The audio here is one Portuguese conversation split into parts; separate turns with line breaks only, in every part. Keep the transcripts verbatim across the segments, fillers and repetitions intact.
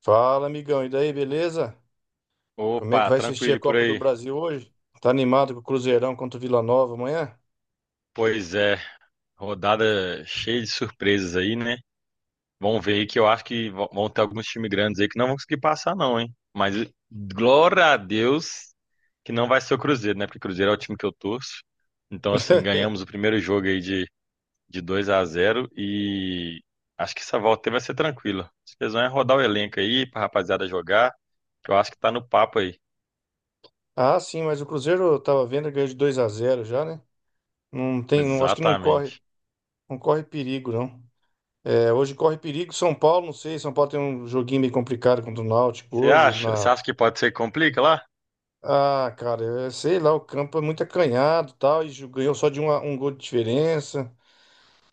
Fala, amigão. E daí, beleza? Como é que
Opa,
vai assistir
tranquilo
a
e por
Copa do
aí.
Brasil hoje? Tá animado com o Cruzeirão contra o Vila Nova amanhã?
Pois é, rodada cheia de surpresas aí, né? Vamos ver aí que eu acho que vão vão ter alguns times grandes aí que não vão conseguir passar, não, hein? Mas glória a Deus que não vai ser o Cruzeiro, né? Porque o Cruzeiro é o time que eu torço. Então, assim, ganhamos o primeiro jogo aí de, de dois a zero e acho que essa volta aí vai ser tranquila. Vocês vão é rodar o elenco aí pra rapaziada jogar, que eu acho que tá no papo aí.
Ah, sim, mas o Cruzeiro eu tava vendo ganhou de dois a zero já, né? Não tem, não, acho que não corre,
Exatamente.
não corre perigo, não. É, hoje corre perigo São Paulo, não sei, São Paulo tem um joguinho meio complicado contra o Náutico
Você
hoje
acha? Você
na...
acha que pode ser que complica lá?
Ah, cara, é, sei lá, o campo é muito acanhado, e tal, e ju- ganhou só de um, a- um gol de diferença.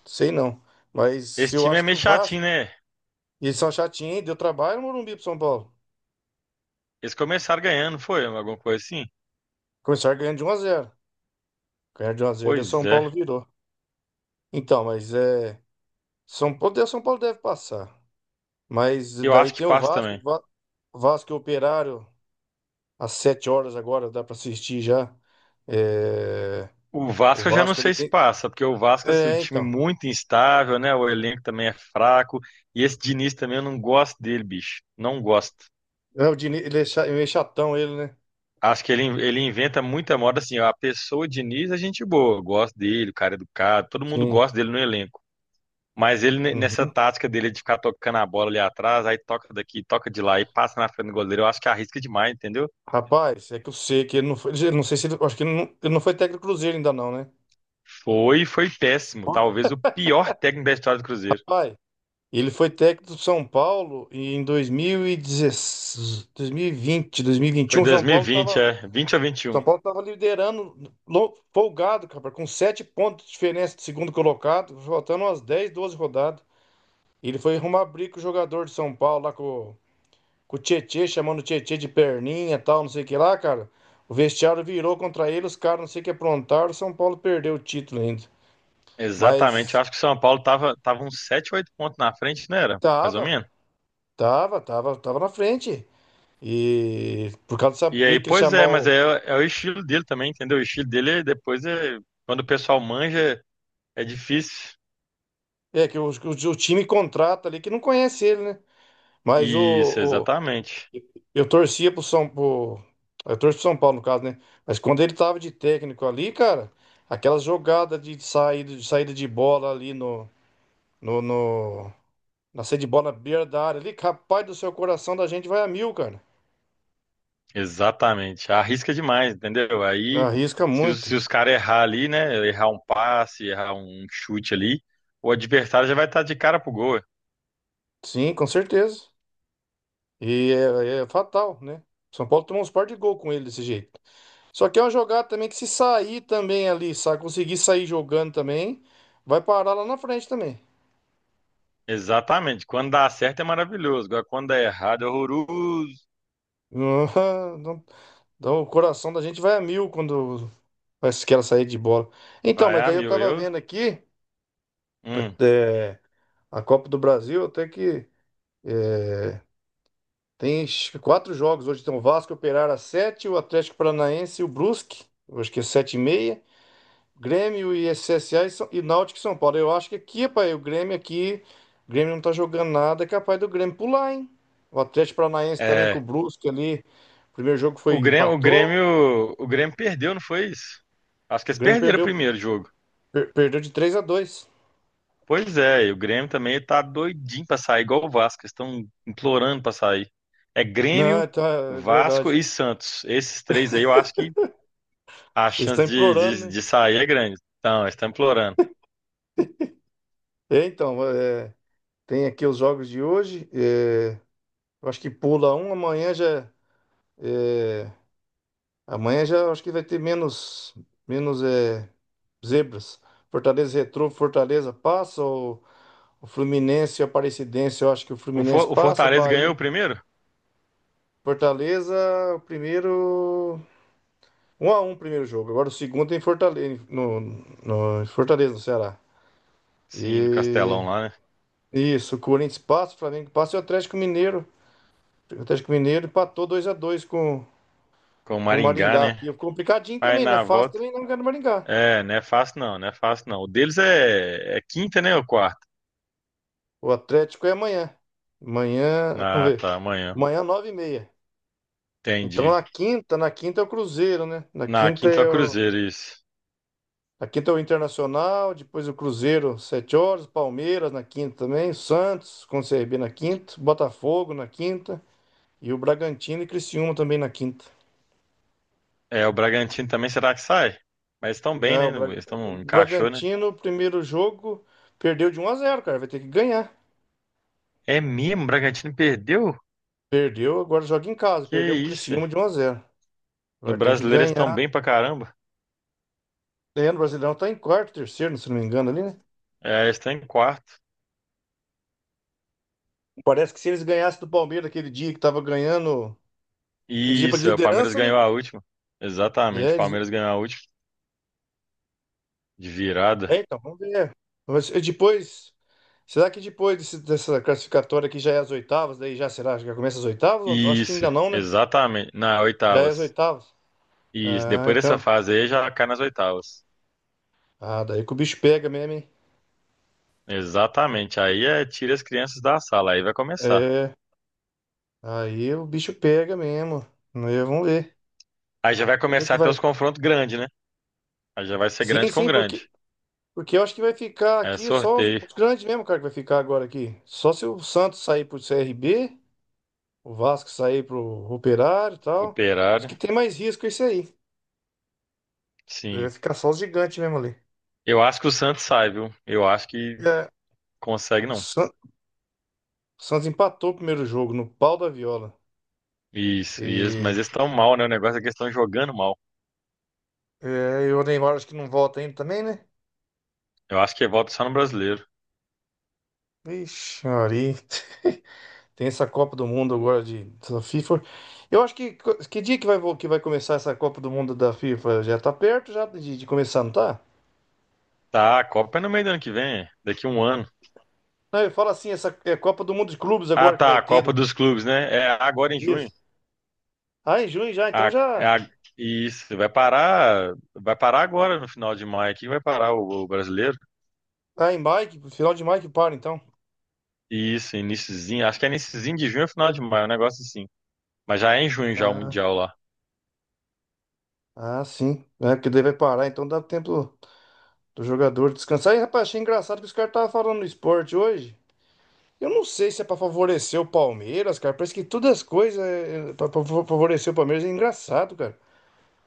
Sei não. Mas
Esse
eu
time é
acho que
meio
o
chatinho,
Vasco,
né?
eles são chatinhos, hein? Deu trabalho no Morumbi pro São Paulo.
Eles começaram ganhando, foi? Alguma coisa assim?
Começaram ganhando de um a zero. Ganharam de um a zero e o
Pois
São
é.
Paulo virou. Então, mas é. São Paulo, São Paulo deve passar. Mas
Eu
daí
acho que
tem o
passa
Vasco.
também.
Va- Vasco e Operário, às sete horas agora, dá pra assistir já. É.
O
O
Vasco eu já não
Vasco ele
sei se
tem.
passa, porque o Vasco, assim, o
É,
time
então.
muito instável, né? O elenco também é fraco. E esse Diniz também eu não gosto dele, bicho. Não gosto.
É, o Diniz, ele é cha- ele é chatão, ele, né?
Acho que ele, ele inventa muita moda, assim, ó, a pessoa Diniz é gente boa. Eu gosto dele, o cara é educado, todo mundo
Sim.
gosta dele no elenco. Mas ele, ne- nessa
Uhum.
tática dele de ficar tocando a bola ali atrás, aí toca daqui, toca de lá e passa na frente do goleiro, eu acho que arrisca demais, entendeu?
Rapaz, é que eu sei que ele não foi, ele não sei se ele... Acho que ele não, ele não foi técnico do Cruzeiro ainda, não, né?
Foi, foi péssimo. Talvez o pior técnico da história do Cruzeiro.
Pai. Ele foi técnico do São Paulo e em dois mil e dezesseis, dois mil e vinte,
Foi
dois mil e vinte e um, São
dois mil e
Paulo
vinte,
estava
é, vinte ou vinte e um.
São Paulo estava liderando lo- folgado, cara, com sete pontos de diferença do segundo colocado, faltando umas dez, doze rodadas. Ele foi arrumar briga com o jogador de São Paulo lá com, com o Tietê, chamando o Tietê de perninha, e tal, não sei o que lá, cara. O vestiário virou contra ele, os caras não sei o que aprontaram, o São Paulo perdeu o título ainda.
Exatamente. Eu
Mas
acho que o São Paulo tava, tava uns sete ou oito pontos na frente, não era? Mais ou
tava,
menos.
tava, tava, tava na frente. E por causa dessa
E aí,
briga que ele
pois é, mas é,
chamou.
é o estilo dele também, entendeu? O estilo dele é, depois é. Quando o pessoal manja, é difícil.
É, que o, que o, o time contrata ali, que não conhece ele, né? Mas o,
Isso,
o-
exatamente.
eu torcia pro São pro, Eu torço pro São Paulo, no caso, né? Mas quando ele tava de técnico ali, cara, aquela jogada de saída de, saída de bola ali no, no, no- na saída de bola na beira da área ali, capaz do seu coração da gente vai a mil, cara.
Exatamente. Arrisca demais, entendeu? Aí,
Arrisca
se os,
muito.
se os caras errar ali, né? Errar um passe, errar um chute ali, o adversário já vai estar de cara pro gol. É.
Sim, com certeza. E é, é fatal, né? São Paulo tomou uns par de gol com ele desse jeito. Só que é uma jogada também que se sair também ali, sabe? Conseguir sair jogando também, vai parar lá na frente também.
Exatamente. Quando dá certo é maravilhoso. Agora, quando dá errado é horroroso.
Não- Então o coração da gente vai a mil quando faz aquela saída de bola. Então,
Vai
mas
a
daí eu
mil.
tava
Eu.
vendo aqui,
Hum.
é, a Copa do Brasil, até que é, tem acho que quatro jogos hoje. Tem o Vasco, e o Operário às sete, o Atlético Paranaense e o Brusque. Eu acho que é sete e meia. Grêmio e C S A e, São- e Náutico e São Paulo. Eu acho que aqui, pai, o Grêmio aqui, o Grêmio não tá jogando nada, é capaz do Grêmio pular, hein? O Atlético Paranaense também com o
É.
Brusque ali, o primeiro jogo foi
O Grêmio, o
empatou,
Grêmio, o Grêmio perdeu, não foi isso? Acho que
o
eles
Grêmio
perderam o
perdeu,
primeiro jogo.
per- perdeu de três a dois.
Pois é, e o Grêmio também tá doidinho pra sair, igual o Vasco. Eles estão implorando pra sair. É
Não,
Grêmio,
é, tá, é
Vasco
verdade.
e Santos. Esses três aí eu acho que a
Eles
chance
estão
de,
implorando,
de,
né?
de sair é grande. Então, eles estão implorando.
É, então, é, tem aqui os jogos de hoje, é, eu acho que pula um, amanhã já, amanhã já acho que vai ter menos, menos é, zebras. Fortaleza e Retrô, Fortaleza passa, o Fluminense e o Aparecidense, eu acho que o
O, For-
Fluminense
o
passa,
Fortaleza
Bahia,
ganhou o
e
primeiro?
Fortaleza, o primeiro. Um a um o primeiro jogo. Agora o segundo é em Fortaleza, no, no em Fortaleza, no Ceará.
Sim, no
E
Castelão lá, né?
isso, o Corinthians passa, o Flamengo passa e o Atlético Mineiro. O Atlético Mineiro empatou dois a dois com
Com o
com o
Maringá,
Maringá.
né?
E é complicadinho
Aí
também, não é
na
fácil
volta.
também não ganhar do Maringá.
É, não é fácil não, não é fácil não. O deles é, é quinta, né? Ou quarta?
O Atlético é amanhã. Amanhã, vamos
Ah,
ver.
tá, amanhã.
Amanhã, nove e meia. Então
Entendi.
na quinta, na quinta é o Cruzeiro, né? Na
Na
quinta
quinta é
é
o
o...
Cruzeiro, isso.
Aqui tem o Internacional, depois o Cruzeiro, sete horas, Palmeiras na quinta também, Santos com o C R B na quinta, Botafogo na quinta e o Bragantino e Criciúma também na quinta.
É, o Bragantino também, será que sai? Mas estão bem,
É,
né?
o, Bra-
Eles
o
estão, encaixou, né?
Bragantino, primeiro jogo, perdeu de um a zero, cara, vai ter que ganhar.
É mesmo, o Bragantino perdeu?
Perdeu, agora joga em casa, perdeu
Que
pro
isso? É?
Criciúma de um a zero.
No
Agora tem que
Brasileiro eles estão
ganhar.
bem pra caramba.
É, no Brasileirão tá em quarto, terceiro, se não me engano ali, né?
É, eles estão em quarto.
Parece que se eles ganhassem do Palmeiras aquele dia que tava ganhando, eles iam pra
Isso, é, o Palmeiras
liderança, né?
ganhou a última. Exatamente,
É,
o
eles...
Palmeiras ganhou a última. De virada.
É, então, vamos ver. Mas e depois, será que depois desse- dessa classificatória aqui já é as oitavas? Daí já será? Já começa as oitavas? Ou não? Acho que
Isso,
ainda não, né?
exatamente. Na
Já é as
oitavas.
oitavas.
E
Ah,
depois dessa
então.
fase aí já cai nas oitavas.
Ah, daí que o bicho pega mesmo, hein?
Exatamente. Aí é tira as crianças da sala, aí vai começar.
É, aí o bicho pega mesmo. Né, vamos ver.
Aí já vai
Vamos ver o que
começar a ter
vai.
os confrontos grandes, né? Aí já vai ser
Sim,
grande com
sim, porque,
grande.
porque eu acho que vai ficar
É
aqui só os,
sorteio,
os grandes mesmo, cara, que vai ficar agora aqui. Só se o Santos sair pro C R B, o Vasco sair pro Operário e tal. Os
Operário,
que tem mais risco é isso aí. Vai
sim.
ficar só os gigantes mesmo ali.
Eu acho que o Santos sai, viu? Eu acho que
É,
consegue
o
não.
San- o Santos empatou o primeiro jogo no pau da viola.
Isso, e eles- mas
E,
eles estão mal, né? O negócio é que eles estão jogando mal.
é, e o Neymar acho que não volta ainda também, né?
Eu acho que volta só no brasileiro.
Ixi, Maria. Tem essa Copa do Mundo agora de, da FIFA. Eu acho que que dia que vai, vo- que vai começar essa Copa do Mundo da FIFA? Já tá perto já de, de começar, não tá?
Tá, a Copa é no meio do ano que vem, é, daqui um ano.
Não, eu falo assim, essa é Copa do Mundo de Clubes
Ah,
agora que
tá,
vai
a
ter.
Copa
Do,
dos Clubes, né? É agora em junho.
isso. Ah, em junho já, então
A, é
já.
a- isso, vai parar, vai parar agora no final de maio aqui, vai parar o, o brasileiro.
Ah, em maio, que- final de maio que para, então.
Isso, iniciozinho, acho que é iniciozinho de junho ou final de maio, um negócio assim. Mas já é em junho já o
Ah,
Mundial lá.
ah, sim. É, porque daí vai parar, então dá tempo do jogador descansar. E, rapaz, achei engraçado que os caras estavam falando no esporte hoje. Eu não sei se é pra favorecer o Palmeiras, cara. Parece que todas as coisas é, é pra, pra favorecer o Palmeiras. É engraçado, cara.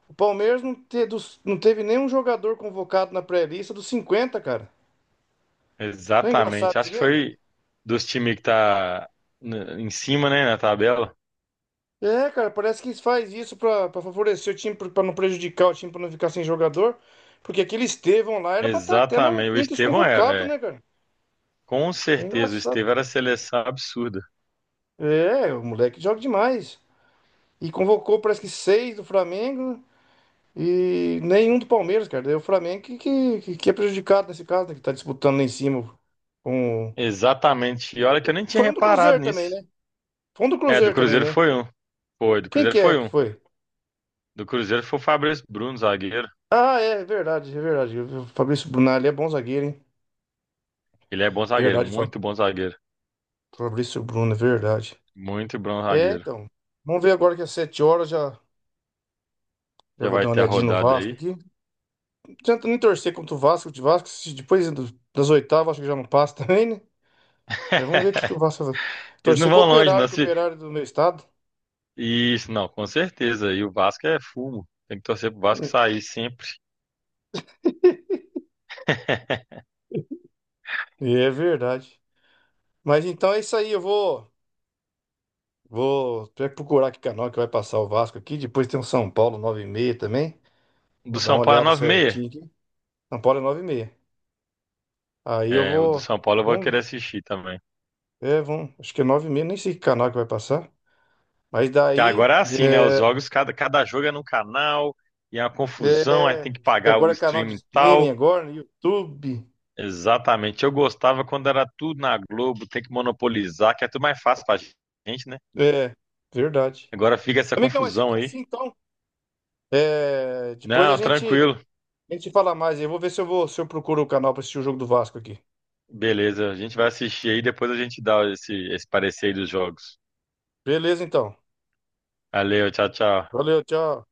O Palmeiras não, te, dos- não teve nenhum jogador convocado na pré-lista dos cinquenta, cara. Não é engraçado
Exatamente.
isso
Acho que
mesmo?
foi dos times que tá n- em cima, né, na tabela.
É, cara, parece que faz isso pra, pra favorecer o time, pra pra não prejudicar o time, pra não ficar sem jogador. Porque aquele Estevão lá era pra estar até na,
Exatamente. O
entre os
Estevão era,
convocados,
é.
né, cara?
Com
É
certeza, o
engraçado.
Estevão era seleção absurda.
É, o moleque joga demais. E convocou, parece que seis do Flamengo e nenhum do Palmeiras, cara. Daí o Flamengo que, que, que- que é prejudicado nesse caso, né? Que tá disputando lá em cima com...
Exatamente. E olha que eu nem tinha
Foi um do
reparado
Cruzeiro também,
nisso.
né? Foi um do
É, do
Cruzeiro também,
Cruzeiro
né?
foi um. Foi, do
Quem
Cruzeiro
que é
foi
que
um.
foi?
Do Cruzeiro foi o Fabrício Bruno, zagueiro.
Ah, é, verdade, é verdade. O Fabrício Brunelli é bom zagueiro, hein?
Ele é bom zagueiro,
Verdade, Fa-
muito bom zagueiro.
Fabrício Bruno, é verdade.
Muito bom
É,
zagueiro.
então. Vamos ver agora que às sete horas já, já
Já
vou
vai
dar uma
ter a
olhadinha no
rodada
Vasco
aí.
aqui. Não adianta nem torcer contra o Vasco, de Vasco, se depois do- das oitavas, acho que já não passa também, né? Mas vamos ver o que que o Vasco vai fazer.
Eles não
Torcer pro
vão longe, não.
Operário, que o
Se...
Operário é do meu estado.
Isso, não, com certeza. E o Vasco é fumo. Tem que torcer pro Vasco sair sempre.
E é verdade. Mas então é isso aí, eu vou, vou procurar que canal que vai passar o Vasco aqui. Depois tem o São Paulo nove e 30 também.
Do
Vou dar
São
uma
Paulo é
olhada
nove e meia.
certinho aqui. São Paulo é nove e meia. Aí eu
É, o do
vou.
São Paulo eu vou
Vamos,
querer assistir também.
é, vamos. Acho que é nove e meia, nem sei que canal que vai passar. Mas
Que
daí...
agora é assim, né? Os
É,
jogos, cada, cada jogo é num canal, e é uma confusão, aí
é,
tem que
e
pagar o
agora é canal de
streaming e
streaming,
tal.
agora, no YouTube.
Exatamente. Eu gostava quando era tudo na Globo, tem que monopolizar, que é tudo mais fácil pra gente, né?
É, verdade.
Agora fica essa
Amigão, mas
confusão
fica
aí.
assim então. É, depois a
Não,
gente...
tranquilo.
A gente fala mais aí. Eu vou ver se eu vou, se eu procuro o canal pra assistir o jogo do Vasco aqui.
Beleza, a gente vai assistir aí, depois a gente dá esse, esse parecer aí dos jogos.
Beleza, então.
Valeu, tchau, tchau.
Valeu, tchau.